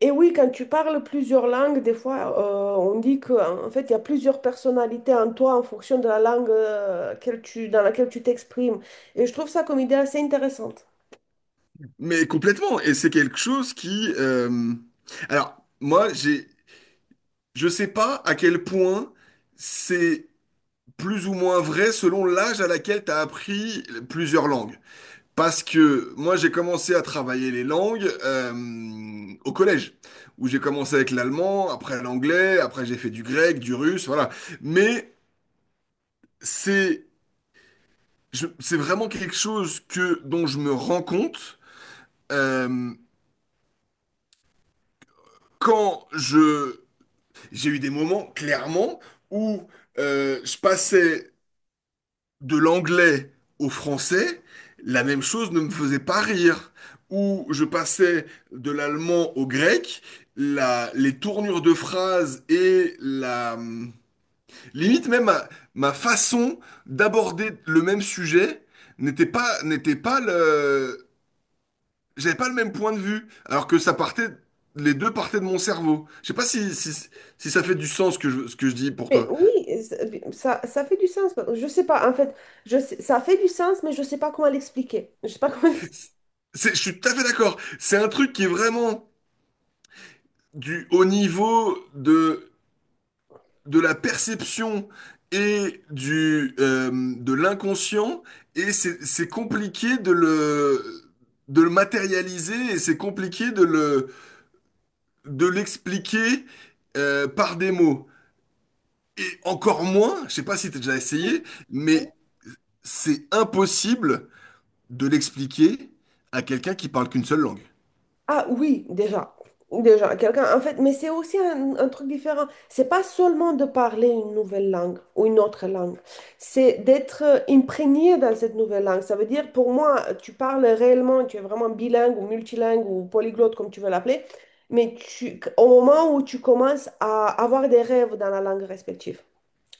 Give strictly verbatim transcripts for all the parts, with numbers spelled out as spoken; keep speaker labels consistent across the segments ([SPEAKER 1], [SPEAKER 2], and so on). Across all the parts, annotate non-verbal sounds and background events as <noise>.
[SPEAKER 1] Et oui, quand tu parles plusieurs langues, des fois, euh, on dit qu'en en fait, il y a plusieurs personnalités en toi en fonction de la langue euh, qu'elle tu, dans laquelle tu t'exprimes. Et je trouve ça comme idée assez intéressante.
[SPEAKER 2] Mais complètement, et c'est quelque chose qui... euh, Alors, moi, j'ai... je sais pas à quel point c'est plus ou moins vrai selon l'âge à laquelle tu as appris plusieurs langues. Parce que moi, j'ai commencé à travailler les langues euh, au collège, où j'ai commencé avec l'allemand, après l'anglais, après j'ai fait du grec, du russe, voilà. Mais c'est je- c'est vraiment quelque chose que dont je me rends compte euh, quand je... J'ai eu des moments, clairement, où euh, je passais de l'anglais au français, la même chose ne me faisait pas rire. Où je passais de l'allemand au grec, la- les tournures de phrases et la... Limite même ma, ma façon d'aborder le même sujet n'était pas, n'était pas le... J'avais pas le même point de vue, alors que ça partait... Les deux partaient de mon cerveau. Je sais pas si, si, si ça fait du sens ce que je, ce que je dis pour
[SPEAKER 1] Mais
[SPEAKER 2] toi.
[SPEAKER 1] oui, c'est- ça, ça fait du sens. Je sais pas, en fait, je sais- ça fait du sens, mais je sais pas comment l'expliquer. Je sais pas comment.
[SPEAKER 2] C'est- je suis tout à fait d'accord. C'est un truc qui est vraiment du au niveau de, de la perception et du, euh, de l'inconscient, et c'est c'est compliqué de le, de le matérialiser, et c'est compliqué de le, de l'expliquer euh, par des mots. Et encore moins, je sais pas si tu as déjà
[SPEAKER 1] <laughs>
[SPEAKER 2] essayé,
[SPEAKER 1] Oui.
[SPEAKER 2] mais c'est impossible de l'expliquer à quelqu'un qui parle qu'une seule langue.
[SPEAKER 1] Ah oui, déjà. Déjà, quelqu'un, en fait, mais c'est aussi un, un truc différent. C'est pas seulement de parler une nouvelle langue ou une autre langue, c'est d'être euh, imprégné dans cette nouvelle langue. Ça veut dire, pour moi, tu parles réellement, tu es vraiment bilingue ou multilingue ou polyglotte, comme tu veux l'appeler, mais tu, au moment où tu commences à avoir des rêves dans la langue respective.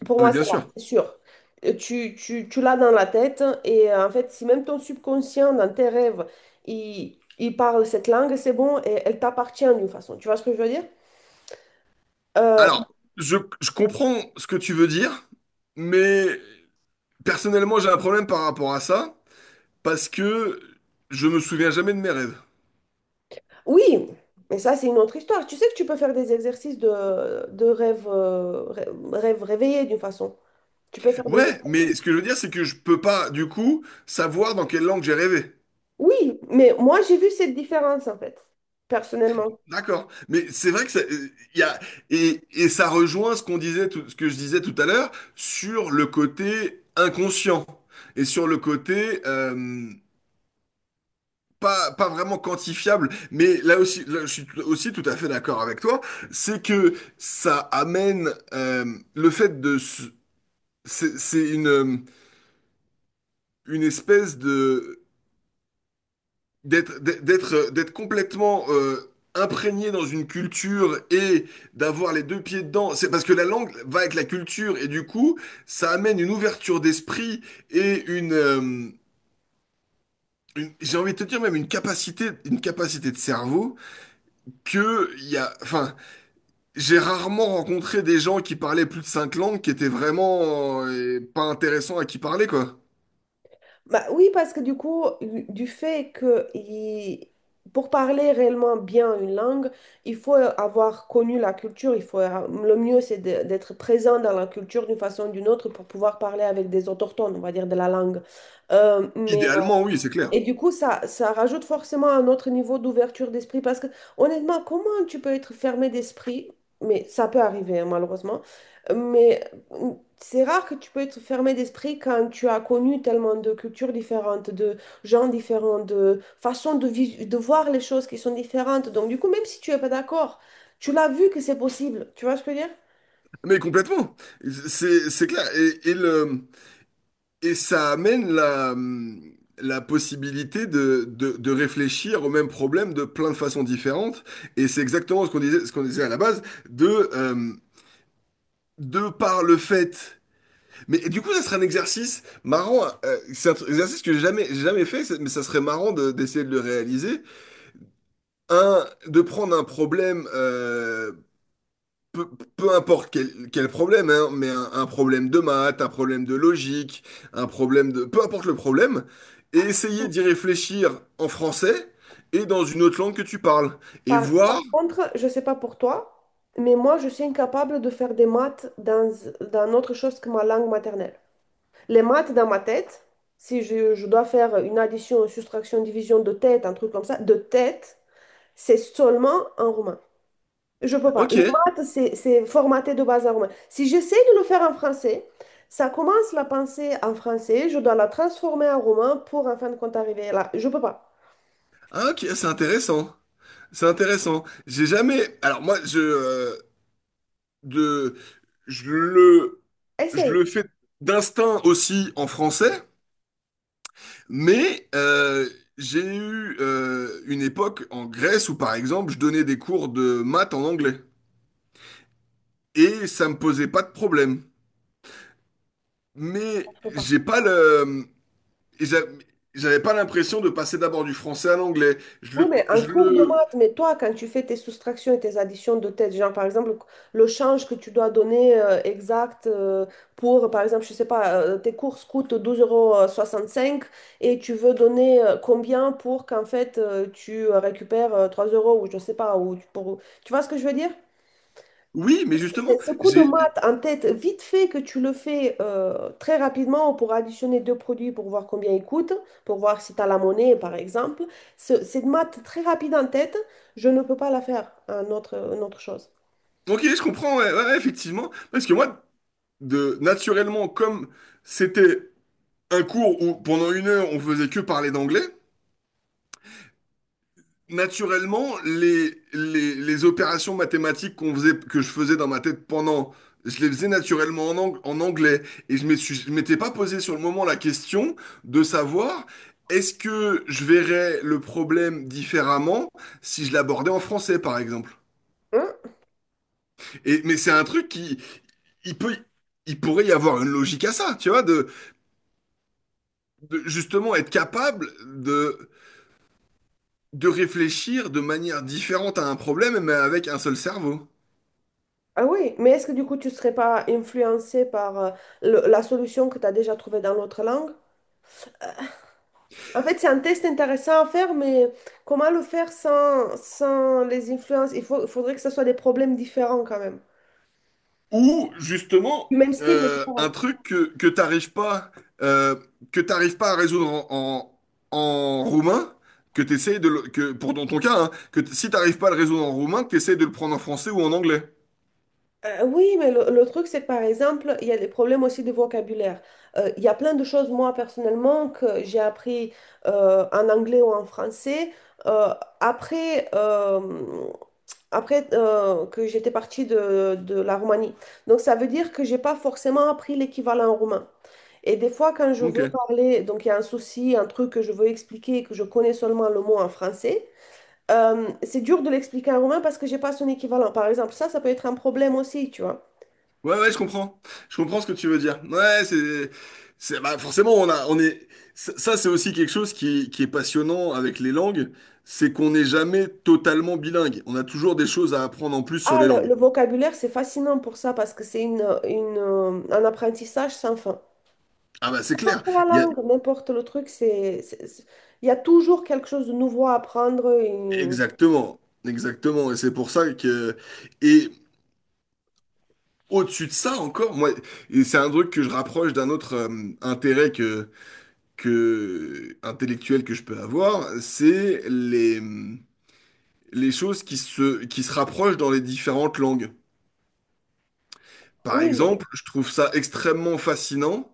[SPEAKER 1] Pour
[SPEAKER 2] Non, mais
[SPEAKER 1] moi,
[SPEAKER 2] bien
[SPEAKER 1] c'est là,
[SPEAKER 2] sûr.
[SPEAKER 1] c'est sûr. Euh, Tu, tu, tu l'as dans la tête et euh, en fait, si même ton subconscient, dans tes rêves, il, il parle cette langue, c'est bon et elle t'appartient d'une façon. Tu vois ce que je veux dire? Euh,
[SPEAKER 2] Alors, je, je comprends ce que tu veux dire, mais personnellement, j'ai un problème par rapport à ça, parce que je me souviens jamais de mes rêves.
[SPEAKER 1] oui, mais ça, c'est une autre histoire. Tu sais que tu peux faire des exercices de, de rêve, euh, rê- rêve réveillé d'une façon. Tu peux faire des
[SPEAKER 2] Ouais, mais
[SPEAKER 1] exercices.
[SPEAKER 2] ce que je veux dire, c'est que je peux pas, du coup, savoir dans quelle langue j'ai rêvé.
[SPEAKER 1] Oui, mais moi, j'ai vu cette différence en fait, personnellement.
[SPEAKER 2] D'accord. Mais c'est vrai que ça, euh, y a, et, et ça rejoint ce qu'on disait, tout- ce que je disais tout à l'heure sur le côté inconscient et sur le côté, euh, pas, pas vraiment quantifiable, mais là aussi, là, je suis tout- aussi tout à fait d'accord avec toi, c'est que ça amène euh, le fait de... se- C'est c'est une, euh, une espèce de... d'être d'être d'être euh, d'être complètement euh, imprégné dans une culture et d'avoir les deux pieds dedans. C'est parce que la langue va avec la culture et du coup, ça amène une ouverture d'esprit et une... euh, une- J'ai envie de te dire même une capacité, une capacité de cerveau que il y a, enfin, j'ai rarement rencontré des gens qui parlaient plus de cinq langues qui étaient vraiment euh, pas intéressants à qui parler, quoi.
[SPEAKER 1] Bah oui, parce que du coup, du fait que il- pour parler réellement bien une langue, il faut avoir connu la culture. Il faut, le mieux, c'est de- d'être présent dans la culture d'une façon ou d'une autre pour pouvoir parler avec des autochtones, on va dire, de la langue. Euh, mais
[SPEAKER 2] Idéalement, oui, c'est clair.
[SPEAKER 1] et du coup, ça, ça rajoute forcément un autre niveau d'ouverture d'esprit parce que honnêtement, comment tu peux être fermé d'esprit? Mais ça peut arriver, hein, malheureusement. Mais euh, c'est rare que tu peux être fermé d'esprit quand tu as connu tellement de cultures différentes, de gens différents, de façons de, vis- de voir les choses qui sont différentes. Donc, du coup, même si tu n'es pas d'accord, tu l'as vu que c'est possible. Tu vois ce que je veux dire?
[SPEAKER 2] Mais complètement. C'est, c'est clair. Et, et le, et ça amène la, la possibilité de, de, de réfléchir au même problème de plein de façons différentes. Et c'est exactement ce qu'on disait, ce qu'on disait à la base, de, euh, de par le fait. Mais et du coup, ça serait un exercice marrant. Euh, c'est un tr- exercice que j'ai jamais, j'ai jamais fait, c'est- mais ça serait marrant de- d'essayer de le réaliser. Un, de prendre un problème, euh, peu, peu importe quel, quel problème, hein, mais un, un problème de maths, un problème de logique, un problème de... Peu importe le problème, et essayer d'y réfléchir en français et dans une autre langue que tu parles. Et
[SPEAKER 1] Par,
[SPEAKER 2] voir,
[SPEAKER 1] par contre, je ne sais pas pour toi, mais moi, je suis incapable de faire des maths dans, dans autre chose que ma langue maternelle. Les maths dans ma tête, si je, je dois faire une addition, une soustraction, une division de tête, un truc comme ça, de tête, c'est seulement en roumain. Je peux pas. Les
[SPEAKER 2] ok.
[SPEAKER 1] maths, c'est c'est formaté de base en roumain. Si j'essaie de le faire en français, ça commence la pensée en français, je dois la transformer en roumain pour en fin de compte arriver là. Je peux pas.
[SPEAKER 2] Ah, ok, c'est intéressant. C'est intéressant. J'ai jamais... Alors moi, je... euh, de, je le... Je
[SPEAKER 1] Essaye.
[SPEAKER 2] le fais d'instinct aussi en français, mais euh, j'ai eu euh, une époque en Grèce où, par exemple, je donnais des cours de maths en anglais. Et ça me posait pas de problème. Mais
[SPEAKER 1] Je peux pas.
[SPEAKER 2] j'ai pas le... Et j'a- j'avais pas l'impression de passer d'abord du français à l'anglais. Je
[SPEAKER 1] Oui,
[SPEAKER 2] le...
[SPEAKER 1] mais un
[SPEAKER 2] Je
[SPEAKER 1] cours de
[SPEAKER 2] le...
[SPEAKER 1] maths, mais toi, quand tu fais tes soustractions et tes additions de tête, genre par exemple, le change que tu dois donner euh, exact euh, pour, par exemple, je sais pas, euh, tes courses coûtent douze euros soixante-cinq et tu veux donner euh, combien pour qu'en fait euh, tu euh, récupères euh, trois euros ou je sais pas, ou tu- pour... Tu vois ce que je veux dire?
[SPEAKER 2] Oui, mais justement,
[SPEAKER 1] C'est ce coup de
[SPEAKER 2] j'ai...
[SPEAKER 1] maths en tête, vite fait que tu le fais euh, très rapidement pour additionner deux produits pour voir combien ils coûtent, pour voir si tu as la monnaie par exemple. Ce- cette maths très rapide en tête, je ne peux pas la faire en autre, une autre chose.
[SPEAKER 2] Ok, je comprends, ouais, ouais, ouais, effectivement. Parce que moi, de... naturellement, comme c'était un cours où pendant une heure, on faisait que parler d'anglais, naturellement, les, les, les opérations mathématiques qu'on faisait, que je faisais dans ma tête pendant, je les faisais naturellement en, ang- en anglais. Et je me suis- je m'étais pas posé sur le moment la question de savoir est-ce que je verrais le problème différemment si je l'abordais en français, par exemple.
[SPEAKER 1] Hein?
[SPEAKER 2] Et, mais c'est un truc qui, il peut, il pourrait y avoir une logique à ça, tu vois, de, de justement être capable de, de réfléchir de manière différente à un problème, mais avec un seul cerveau.
[SPEAKER 1] Ah oui, mais est-ce que du coup tu ne serais pas influencé par euh, le- la solution que tu as déjà trouvée dans l'autre langue? En fait, c'est un test intéressant à faire, mais comment le faire sans, sans les influences? Il faut, il faudrait que ce soit des problèmes différents quand même.
[SPEAKER 2] Ou
[SPEAKER 1] Du
[SPEAKER 2] justement,
[SPEAKER 1] même style, mais
[SPEAKER 2] euh, un
[SPEAKER 1] différent.
[SPEAKER 2] truc que, que t'arrives pas, euh, que t'arrives pas à résoudre en, en, en roumain, que t'essayes de le- que, pour dans ton cas, hein, que t- si t'arrives pas à le résoudre en roumain, que t'essayes de le prendre en français ou en anglais.
[SPEAKER 1] Euh, oui, mais le, le truc, c'est que par exemple, il y a des problèmes aussi de vocabulaire. Euh, il y a plein de choses, moi, personnellement, que j'ai appris euh, en anglais ou en français. Euh, après euh, après euh, que j'étais partie de, de la Roumanie. Donc, ça veut dire que j'ai pas forcément appris l'équivalent roumain. Et des fois, quand je veux
[SPEAKER 2] Ok.
[SPEAKER 1] parler, donc il y a un souci, un truc que je veux expliquer, que je connais seulement le mot en français, euh, c'est dur de l'expliquer en roumain parce que j'ai pas son équivalent. Par exemple, ça, ça peut être un problème aussi, tu vois.
[SPEAKER 2] Ouais, ouais, je comprends. Je comprends ce que tu veux dire. Ouais, c'est, c'est, bah, forcément, on a, on est, ça, ça, c'est aussi quelque chose qui, qui est passionnant avec les langues, c'est qu'on n'est jamais totalement bilingue. On a toujours des choses à apprendre en plus sur
[SPEAKER 1] Ah,
[SPEAKER 2] les
[SPEAKER 1] le,
[SPEAKER 2] langues.
[SPEAKER 1] le vocabulaire, c'est fascinant pour ça parce que c'est une, une, euh, un apprentissage sans fin.
[SPEAKER 2] Ah bah, c'est clair.
[SPEAKER 1] N'importe la langue, n'importe le truc, c'est, c'est- c'est- il y a toujours quelque chose de nouveau à apprendre. Et...
[SPEAKER 2] Exactement, exactement. Et c'est pour ça que... Et au-dessus de ça encore, moi, et c'est un truc que je rapproche d'un autre euh, intérêt que, que intellectuel que je peux avoir, c'est les, les choses qui se, qui se rapprochent dans les différentes langues. Par
[SPEAKER 1] Oui, mais...
[SPEAKER 2] exemple, je trouve ça extrêmement fascinant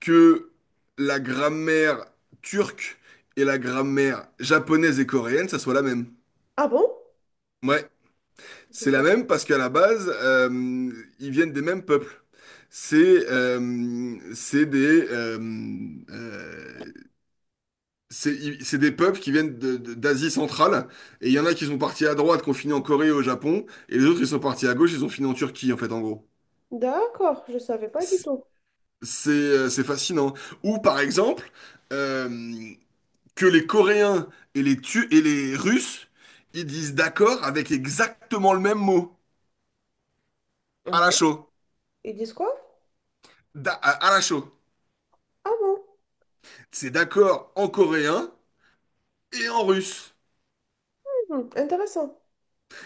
[SPEAKER 2] que la grammaire turque et la grammaire japonaise et coréenne, ça soit la même.
[SPEAKER 1] Ah bon?
[SPEAKER 2] Ouais.
[SPEAKER 1] Je
[SPEAKER 2] C'est la
[SPEAKER 1] savais.
[SPEAKER 2] même parce qu'à la base, euh, ils viennent des mêmes peuples. C'est euh, c'est des, euh, euh, c'est ils- c'est des peuples qui viennent de- de- d'Asie centrale. Et il y en a qui sont partis à droite, qui ont fini en Corée et au Japon. Et les autres, ils sont partis à gauche, ils ont fini en Turquie, en fait, en gros.
[SPEAKER 1] D'accord, je savais pas du
[SPEAKER 2] C'est
[SPEAKER 1] tout.
[SPEAKER 2] c'est euh, c'est fascinant. Ou par exemple, euh, que les Coréens et les, Tu- et les Russes, ils disent d'accord avec exactement le même mot,
[SPEAKER 1] Ah
[SPEAKER 2] à la
[SPEAKER 1] bon?
[SPEAKER 2] chaux.
[SPEAKER 1] Ils disent quoi?
[SPEAKER 2] Da- à à la chaux.
[SPEAKER 1] Ah bon?
[SPEAKER 2] C'est d'accord en coréen et en russe.
[SPEAKER 1] Hmm, intéressant.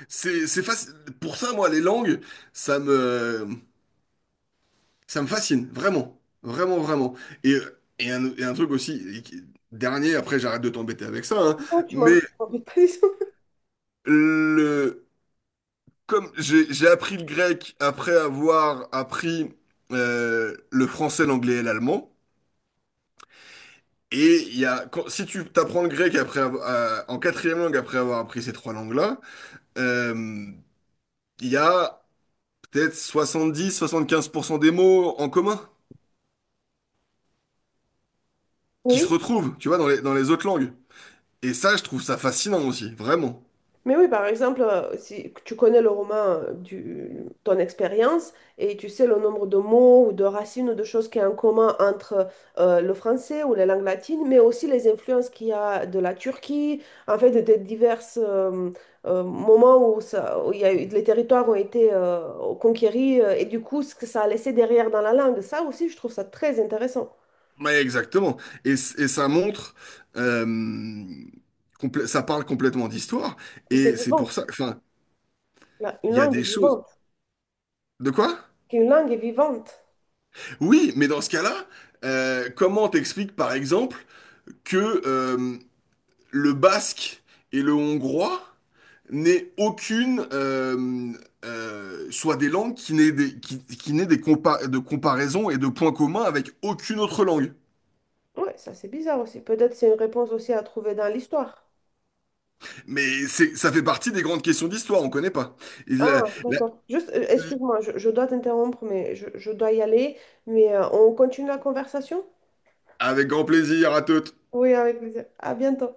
[SPEAKER 2] C'est, c'est faci- Pour ça, moi, les langues, ça me, ça me fascine, vraiment. Vraiment, vraiment. Et, et, un, et un truc aussi, et qui- dernier, après, j'arrête de t'embêter avec ça, hein,
[SPEAKER 1] Non, tu m'en
[SPEAKER 2] mais
[SPEAKER 1] tu m'en dis pas du tout.
[SPEAKER 2] le, comme j'ai, j'ai appris le grec après avoir appris euh, le français, l'anglais et l'allemand, et il y a, quand- si tu t'apprends le grec après, avoir- euh, en quatrième langue après avoir appris ces trois langues-là, euh, il y a peut-être soixante-dix-soixante-quinze pour cent des mots en commun qui se
[SPEAKER 1] Oui.
[SPEAKER 2] retrouvent, tu vois, dans les, dans les autres langues. Et ça, je trouve ça fascinant aussi, vraiment.
[SPEAKER 1] Mais oui, par exemple, euh, si tu connais le roman euh, du ton expérience et tu sais le nombre de mots ou de racines ou de choses qui y a en commun entre euh, le français ou les langues latines, mais aussi les influences qu'il y a de la Turquie, en fait, des divers euh, euh, moments où, ça, où il y a eu- les territoires ont été euh, conquéris euh, et du coup, ce que ça a laissé derrière dans la langue. Ça aussi, je trouve ça très intéressant.
[SPEAKER 2] Mais exactement. Et, c- et ça montre, euh, complè- ça parle complètement d'histoire.
[SPEAKER 1] C'est
[SPEAKER 2] Et c'est pour
[SPEAKER 1] vivant.
[SPEAKER 2] ça, enfin,
[SPEAKER 1] La- Une
[SPEAKER 2] il y a
[SPEAKER 1] langue est
[SPEAKER 2] des choses.
[SPEAKER 1] vivante.
[SPEAKER 2] De quoi?
[SPEAKER 1] Une langue est vivante.
[SPEAKER 2] Oui, mais dans ce cas-là, euh, comment t'expliques par exemple que euh, le basque et le hongrois n'ait aucune, euh, euh, soit des langues qui n'aient des, qui, qui n'aient des compa- de comparaisons et de points communs avec aucune autre langue.
[SPEAKER 1] Ouais, ça c'est bizarre aussi. Peut-être c'est une réponse aussi à trouver dans l'histoire.
[SPEAKER 2] Mais c'est, ça fait partie des grandes questions d'histoire, on connaît pas. Il, euh,
[SPEAKER 1] Ah,
[SPEAKER 2] la-
[SPEAKER 1] d'accord. Juste, euh, excuse-moi, je, je dois t'interrompre, mais je, je dois y aller. Mais euh, on continue la conversation?
[SPEAKER 2] Avec grand plaisir à toutes.
[SPEAKER 1] Oui, avec plaisir. À bientôt.